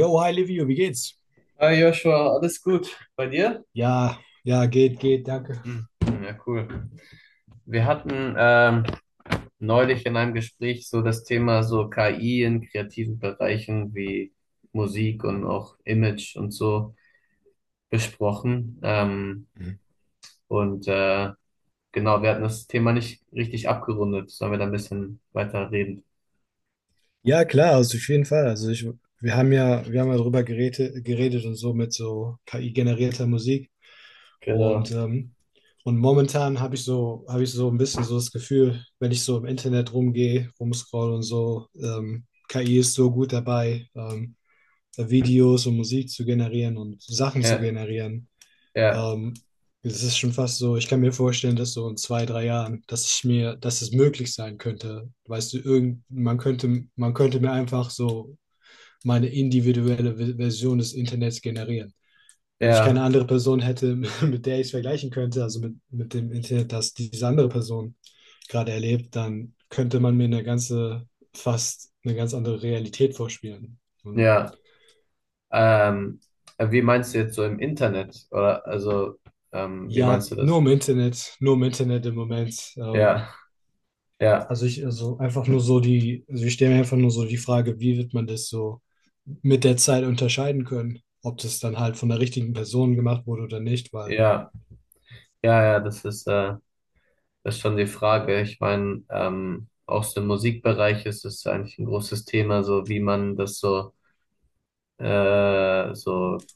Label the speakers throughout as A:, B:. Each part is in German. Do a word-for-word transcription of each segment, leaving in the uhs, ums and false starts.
A: Yo, hi Livio, wie geht's?
B: Hi Joshua, alles gut bei dir?
A: Ja, ja, geht, geht, danke.
B: Hm. Ja, cool. Wir hatten ähm, neulich in einem Gespräch so das Thema so K I in kreativen Bereichen wie Musik und auch Image und so besprochen. Ähm,
A: Mhm.
B: und äh, genau, wir hatten das Thema nicht richtig abgerundet. Sollen wir da ein bisschen weiter reden?
A: Ja, klar, also auf jeden Fall. Also ich, wir haben ja, wir haben ja darüber geredet, geredet und so mit so K I-generierter Musik. Und,
B: Genau.
A: ähm, und momentan habe ich so, habe ich so ein bisschen so das Gefühl, wenn ich so im Internet rumgehe, rumscroll und so, ähm, K I ist so gut dabei, ähm, Videos und Musik zu generieren und Sachen zu
B: Ja,
A: generieren.
B: ja,
A: Ähm, Es ist schon fast so, ich kann mir vorstellen, dass so in zwei, drei Jahren, dass ich mir, dass es möglich sein könnte. Weißt du, irgend, man könnte, man könnte mir einfach so meine individuelle Ve- Version des Internets generieren. Wenn ich keine
B: ja,
A: andere Person hätte, mit der ich es vergleichen könnte, also mit, mit dem Internet, das diese andere Person gerade erlebt, dann könnte man mir eine ganze, fast eine ganz andere Realität vorspielen. Und
B: ja. Ähm, wie meinst du jetzt so im Internet? Oder also, ähm, wie
A: ja,
B: meinst du
A: nur
B: das?
A: im Internet, nur im Internet im Moment. Ähm,
B: Ja. Ja,
A: Also ich, also einfach nur so die, also ich stelle mir einfach nur so die Frage, wie wird man das so mit der Zeit unterscheiden können, ob das dann halt von der richtigen Person gemacht wurde oder nicht, weil.
B: ja, ja, ja, das ist, äh, das ist schon die Frage. Ich meine, ähm, auch so im Musikbereich ist es eigentlich ein großes Thema, so wie man das so, äh, so,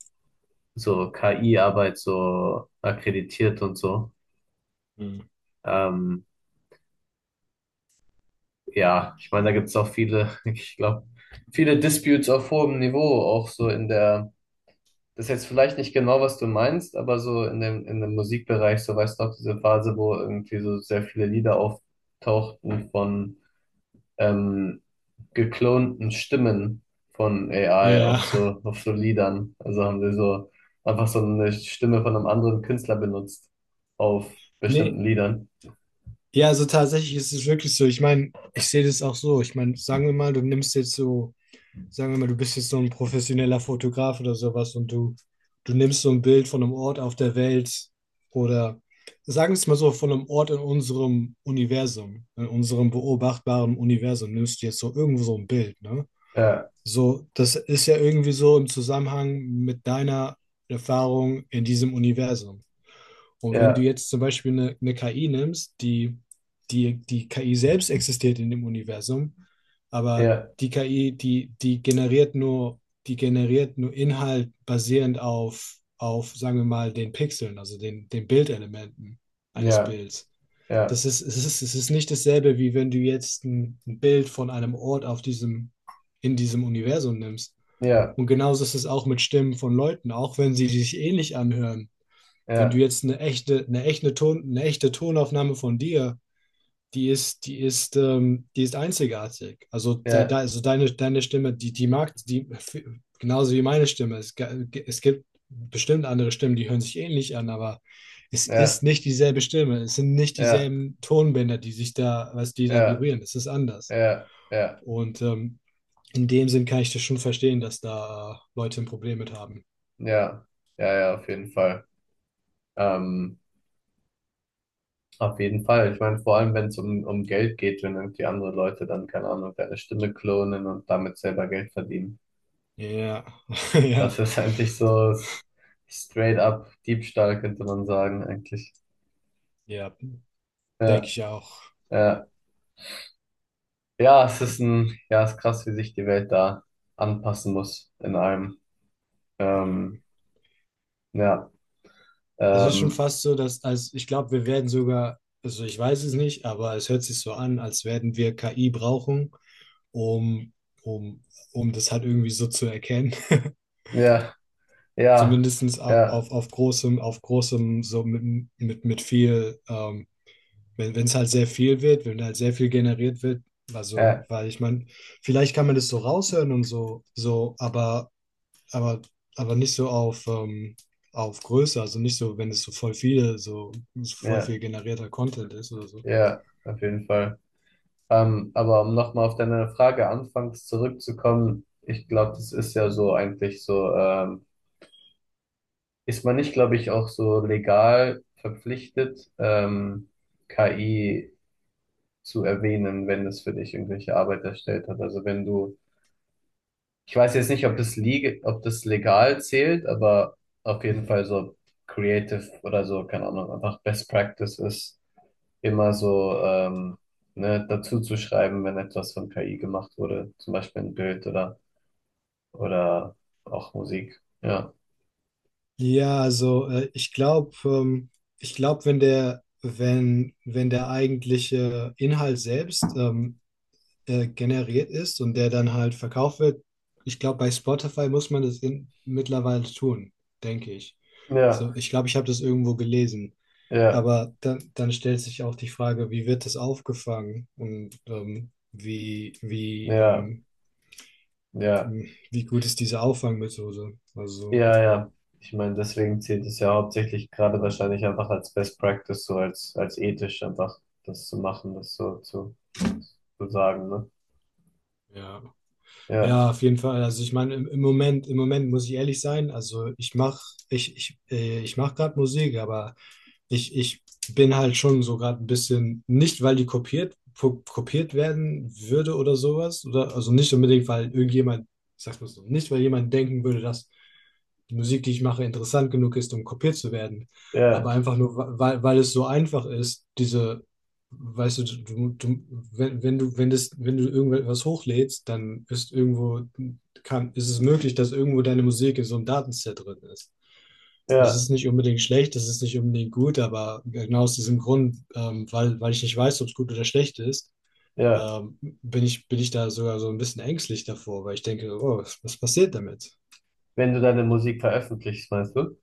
B: so K I-Arbeit so akkreditiert und so.
A: Hm.
B: Ähm, ja, ich meine, da gibt es auch viele, ich glaube, viele Disputes auf hohem Niveau, auch so in der, das ist jetzt vielleicht nicht genau, was du meinst, aber so in dem, in dem Musikbereich, so weißt du auch diese Phase, wo irgendwie so sehr viele Lieder auftauchten von ähm, geklonten Stimmen von A I
A: Ja,
B: auf so, auf so Liedern. Also haben sie so einfach so eine Stimme von einem anderen Künstler benutzt auf bestimmten
A: nee,
B: Liedern.
A: ja, also tatsächlich ist es wirklich so. Ich meine, ich sehe das auch so. Ich meine, sagen wir mal, du nimmst jetzt so sagen wir mal, du bist jetzt so ein professioneller Fotograf oder sowas und du, du nimmst so ein Bild von einem Ort auf der Welt oder sagen wir es mal so, von einem Ort in unserem Universum, in unserem beobachtbaren Universum, nimmst du jetzt so irgendwo so ein Bild, ne?
B: Ja,
A: So, das ist ja irgendwie so im Zusammenhang mit deiner Erfahrung in diesem Universum. Und wenn du
B: ja,
A: jetzt zum Beispiel eine, eine K I nimmst, die, die, die K I selbst existiert in dem Universum, aber
B: ja,
A: die K I, die, die generiert nur, die generiert nur Inhalt basierend auf, auf, sagen wir mal, den Pixeln, also den, den Bildelementen eines
B: ja,
A: Bilds.
B: ja,
A: Das ist, es ist, es ist nicht dasselbe, wie wenn du jetzt ein, ein Bild von einem Ort auf diesem, in diesem Universum nimmst.
B: ja,
A: Und genauso ist es auch mit Stimmen von Leuten, auch wenn sie sich ähnlich anhören. Wenn du
B: ja,
A: jetzt eine echte, eine echte Ton, eine echte Tonaufnahme von dir, die ist, die ist, ähm, die ist einzigartig. Also, de, de,
B: ja,
A: also deine, deine Stimme, die, die mag, die, genauso wie meine Stimme. Es, ge- es gibt bestimmt andere Stimmen, die hören sich ähnlich an, aber es ist
B: ja,
A: nicht dieselbe Stimme. Es sind nicht
B: ja,
A: dieselben Tonbänder, die sich da, was die da
B: ja,
A: vibrieren. Es ist anders.
B: ja, ja,
A: Und ähm, in dem Sinn kann ich das schon verstehen, dass da Leute ein Problem mit haben.
B: ja, ja, ja, auf jeden Fall. Ähm, auf jeden Fall. Ich meine, vor allem, wenn es um, um Geld geht, wenn irgendwie andere Leute dann, keine Ahnung, deine Stimme klonen und damit selber Geld verdienen.
A: Ja,
B: Das
A: ja,
B: ist eigentlich so s- straight up Diebstahl, könnte man sagen, eigentlich.
A: ja, denke
B: Ja,
A: ich auch.
B: ja. Ja, es ist ein, ja, es ist krass, wie sich die Welt da anpassen muss in allem.
A: Ja.
B: Ähm, ja,
A: Es ist schon
B: ähm,
A: fast so, dass, als ich glaube, wir werden sogar, also ich weiß es nicht, aber es hört sich so an, als werden wir K I brauchen, um, um, um das halt irgendwie so zu erkennen.
B: ja, ja,
A: Zumindest auf,
B: ja,
A: auf, auf großem, auf großem, so mit, mit, mit viel, ähm, wenn wenn es halt sehr viel wird, wenn halt sehr viel generiert wird, also,
B: ja,
A: weil ich meine, vielleicht kann man das so raushören und so, so, aber aber, aber nicht so auf, ähm, auf Größe, also nicht so, wenn es so voll viele, so, so voll
B: ja,
A: viel generierter Content ist oder so.
B: ja, auf jeden Fall. Ähm, aber um nochmal auf deine Frage anfangs zurückzukommen, ich glaube, das ist ja so eigentlich so, ähm, ist man nicht, glaube ich, auch so legal verpflichtet, ähm, K I zu erwähnen, wenn es für dich irgendwelche Arbeit erstellt hat. Also wenn du, ich weiß jetzt nicht, ob das legal, ob das legal zählt, aber auf jeden Fall so creative oder so, keine Ahnung, einfach Best Practice ist, immer so ähm, ne, dazu zu schreiben, wenn etwas von K I gemacht wurde, zum Beispiel ein Bild oder oder auch Musik. Ja,
A: Ja, also äh, ich glaube, ähm, ich glaube, wenn der, wenn, wenn der eigentliche Inhalt selbst ähm, äh, generiert ist und der dann halt verkauft wird, ich glaube, bei Spotify muss man das in, mittlerweile tun, denke ich. So,
B: ja,
A: ich glaube, ich habe das irgendwo gelesen.
B: ja,
A: Aber dann, dann stellt sich auch die Frage, wie wird das aufgefangen und ähm, wie, wie,
B: ja,
A: ähm,
B: ja.
A: wie gut ist diese Auffangmethode? Also,
B: Ja, ja. Ich meine, deswegen zählt es ja hauptsächlich gerade wahrscheinlich einfach als Best Practice, so als, als ethisch einfach das zu machen, das so zu, zu sagen, ne?
A: ja.
B: Ja,
A: Ja, auf jeden Fall. Also ich meine, im, im Moment, im Moment muss ich ehrlich sein, also ich mache ich, ich, äh, ich mach gerade Musik, aber ich, ich bin halt schon so gerade ein bisschen, nicht weil die kopiert, po- kopiert werden würde oder sowas, oder also nicht unbedingt, weil irgendjemand, ich sag's mal so, nicht weil jemand denken würde, dass die Musik, die ich mache, interessant genug ist, um kopiert zu werden, aber
B: ja,
A: einfach nur, wa- weil, weil es so einfach ist, diese, weißt du, du, du wenn, wenn du, wenn das, wenn du irgendwas hochlädst, dann ist irgendwo, kann, ist es möglich, dass irgendwo deine Musik in so einem Datenset drin ist. Das
B: ja,
A: ist nicht unbedingt schlecht, das ist nicht unbedingt gut, aber genau aus diesem Grund, ähm, weil, weil ich nicht weiß, ob es gut oder schlecht ist,
B: ja.
A: ähm, bin ich, bin ich da sogar so ein bisschen ängstlich davor, weil ich denke, oh, was, was passiert damit?
B: Wenn du deine Musik veröffentlichst, meinst du?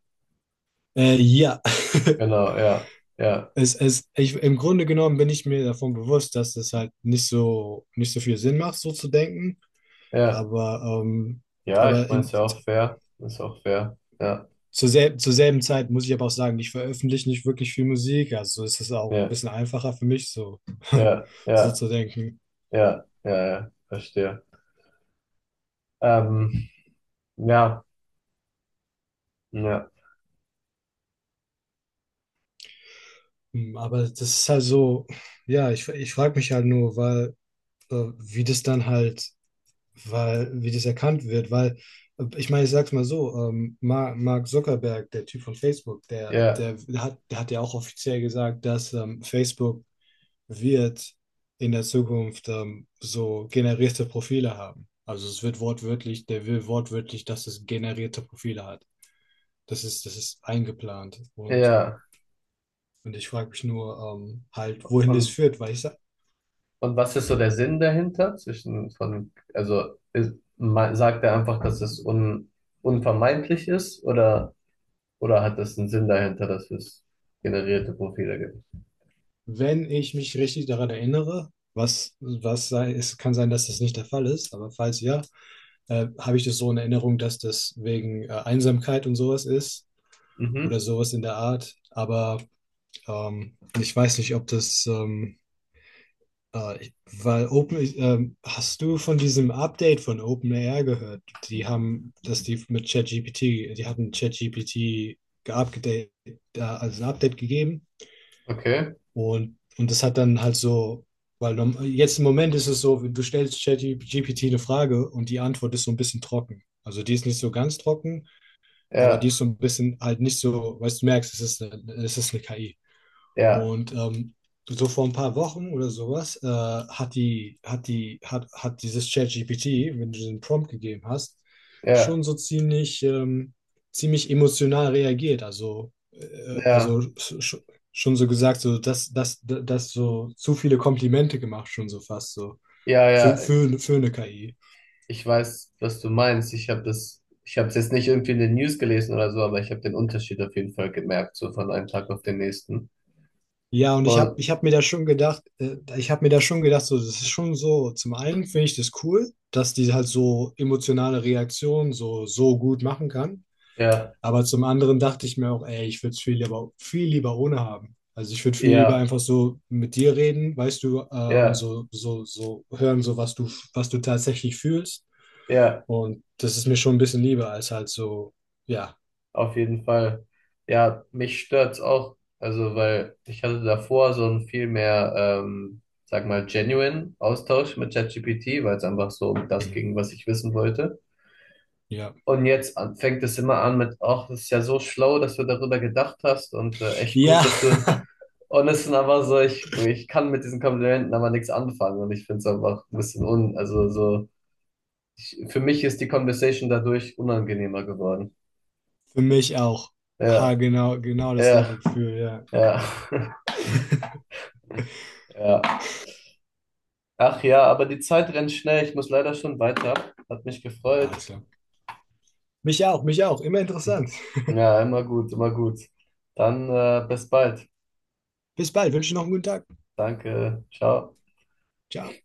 A: Äh, ja,
B: Genau, ja, ja,
A: es, es, ich, im Grunde genommen bin ich mir davon bewusst, dass es halt nicht so, nicht so viel Sinn macht, so zu denken,
B: ja.
A: aber, ähm,
B: Ja, ich
A: aber
B: meine, ist
A: in,
B: ja auch fair. Ist auch fair. Ja,
A: zur selben, zur selben Zeit muss ich aber auch sagen, ich veröffentliche nicht wirklich viel Musik, also ist es auch ein
B: ja,
A: bisschen einfacher für mich, so,
B: ja,
A: so
B: ja,
A: zu denken.
B: ja, ja, ja, verstehe. Ähm, ja, ja,
A: Hm. Aber das ist halt so, ja, ich, ich frage mich halt nur, weil, äh, wie das dann halt, weil, wie das erkannt wird, weil, äh, ich meine, ich sag's mal so, ähm, Mark, Mark Zuckerberg, der Typ von Facebook, der,
B: ja,
A: der hat, der hat ja auch offiziell gesagt, dass ähm, Facebook wird in der Zukunft ähm, so generierte Profile haben. Also es wird wortwörtlich, der will wortwörtlich, dass es generierte Profile hat. Das ist, das ist eingeplant und
B: ja.
A: und ich frage mich nur ähm, halt, wohin das
B: Und
A: führt, weil ich, sa-
B: Und was ist so der Sinn dahinter zwischen von, also ist, ma- sagt er einfach, dass es un, unvermeidlich ist oder, oder hat es einen Sinn dahinter, dass es generierte Profile gibt?
A: Wenn ich mich richtig daran erinnere, was, was sei, es kann sein, dass das nicht der Fall ist, aber falls ja, äh, habe ich das so in Erinnerung, dass das wegen äh, Einsamkeit und sowas ist
B: Mhm,
A: oder sowas in der Art. Aber ähm, ich weiß nicht, ob das, ähm, äh, ich- weil Open, ähm, hast du von diesem Update von OpenAI gehört? Die haben, dass die mit ChatGPT, die hatten ChatGPT geupdatet, äh, also ein Update gegeben.
B: okay.
A: Und, und das hat dann halt so, weil norm- jetzt im Moment ist es so, du stellst ChatGPT eine Frage und die Antwort ist so ein bisschen trocken. Also die ist nicht so ganz trocken, aber die
B: Ja,
A: ist so ein bisschen halt nicht so, weißt du, merkst, es ist eine, es ist eine K I.
B: ja,
A: Und ähm, so vor ein paar Wochen oder sowas äh, hat die, hat die, hat, hat dieses ChatGPT, wenn du den Prompt gegeben hast,
B: ja,
A: schon so ziemlich, ähm, ziemlich emotional reagiert. Also, äh, also
B: ja,
A: sch- schon so gesagt, so dass, dass, dass so zu viele Komplimente gemacht, schon so fast so.
B: ja,
A: Für,
B: ja.
A: für, für eine K I.
B: Ich weiß, was du meinst. Ich habe das, ich habe es jetzt nicht irgendwie in den News gelesen oder so, aber ich habe den Unterschied auf jeden Fall gemerkt, so von einem Tag auf den nächsten.
A: Ja, und ich habe
B: Und
A: ich hab mir da schon gedacht, äh, ich habe mir da schon gedacht, so, das ist schon so, zum einen finde ich das cool, dass die halt so emotionale Reaktionen so, so gut machen kann,
B: ja,
A: aber zum anderen dachte ich mir auch, ey, ich würde es viel lieber, viel lieber ohne haben. Also ich würde viel lieber
B: ja,
A: einfach so mit dir reden, weißt du, äh, und
B: ja,
A: so, so, so hören, so was du, was du tatsächlich fühlst.
B: ja.
A: Und das ist mir schon ein bisschen lieber als halt so, ja,
B: Auf jeden Fall. Ja, mich stört's auch. Also, weil ich hatte davor so einen viel mehr, ähm, sag mal, genuine Austausch mit ChatGPT, weil es einfach so um das
A: Mhm.
B: ging, was ich wissen wollte.
A: Ja.
B: Und jetzt an- fängt es immer an mit, ach, das ist ja so schlau, dass du darüber gedacht hast und äh, echt
A: Ja,
B: gut, dass du. Und es sind aber so, ich, ich kann mit diesen Komplimenten aber nichts anfangen und ich finde es einfach ein bisschen un, also so, ich, für mich ist die Conversation dadurch unangenehmer geworden.
A: für mich auch.
B: Ja,
A: Ha, genau, genau
B: ja,
A: dasselbe Gefühl, ja.
B: ja. Ja. Ach ja, aber die Zeit rennt schnell. Ich muss leider schon weiter. Hat mich gefreut.
A: Alles klar. Mich auch, mich auch. Immer interessant.
B: Ja, immer gut, immer gut. Dann äh, bis bald.
A: Bis bald. Wünsche noch einen guten Tag.
B: Danke. Ciao.
A: Ciao.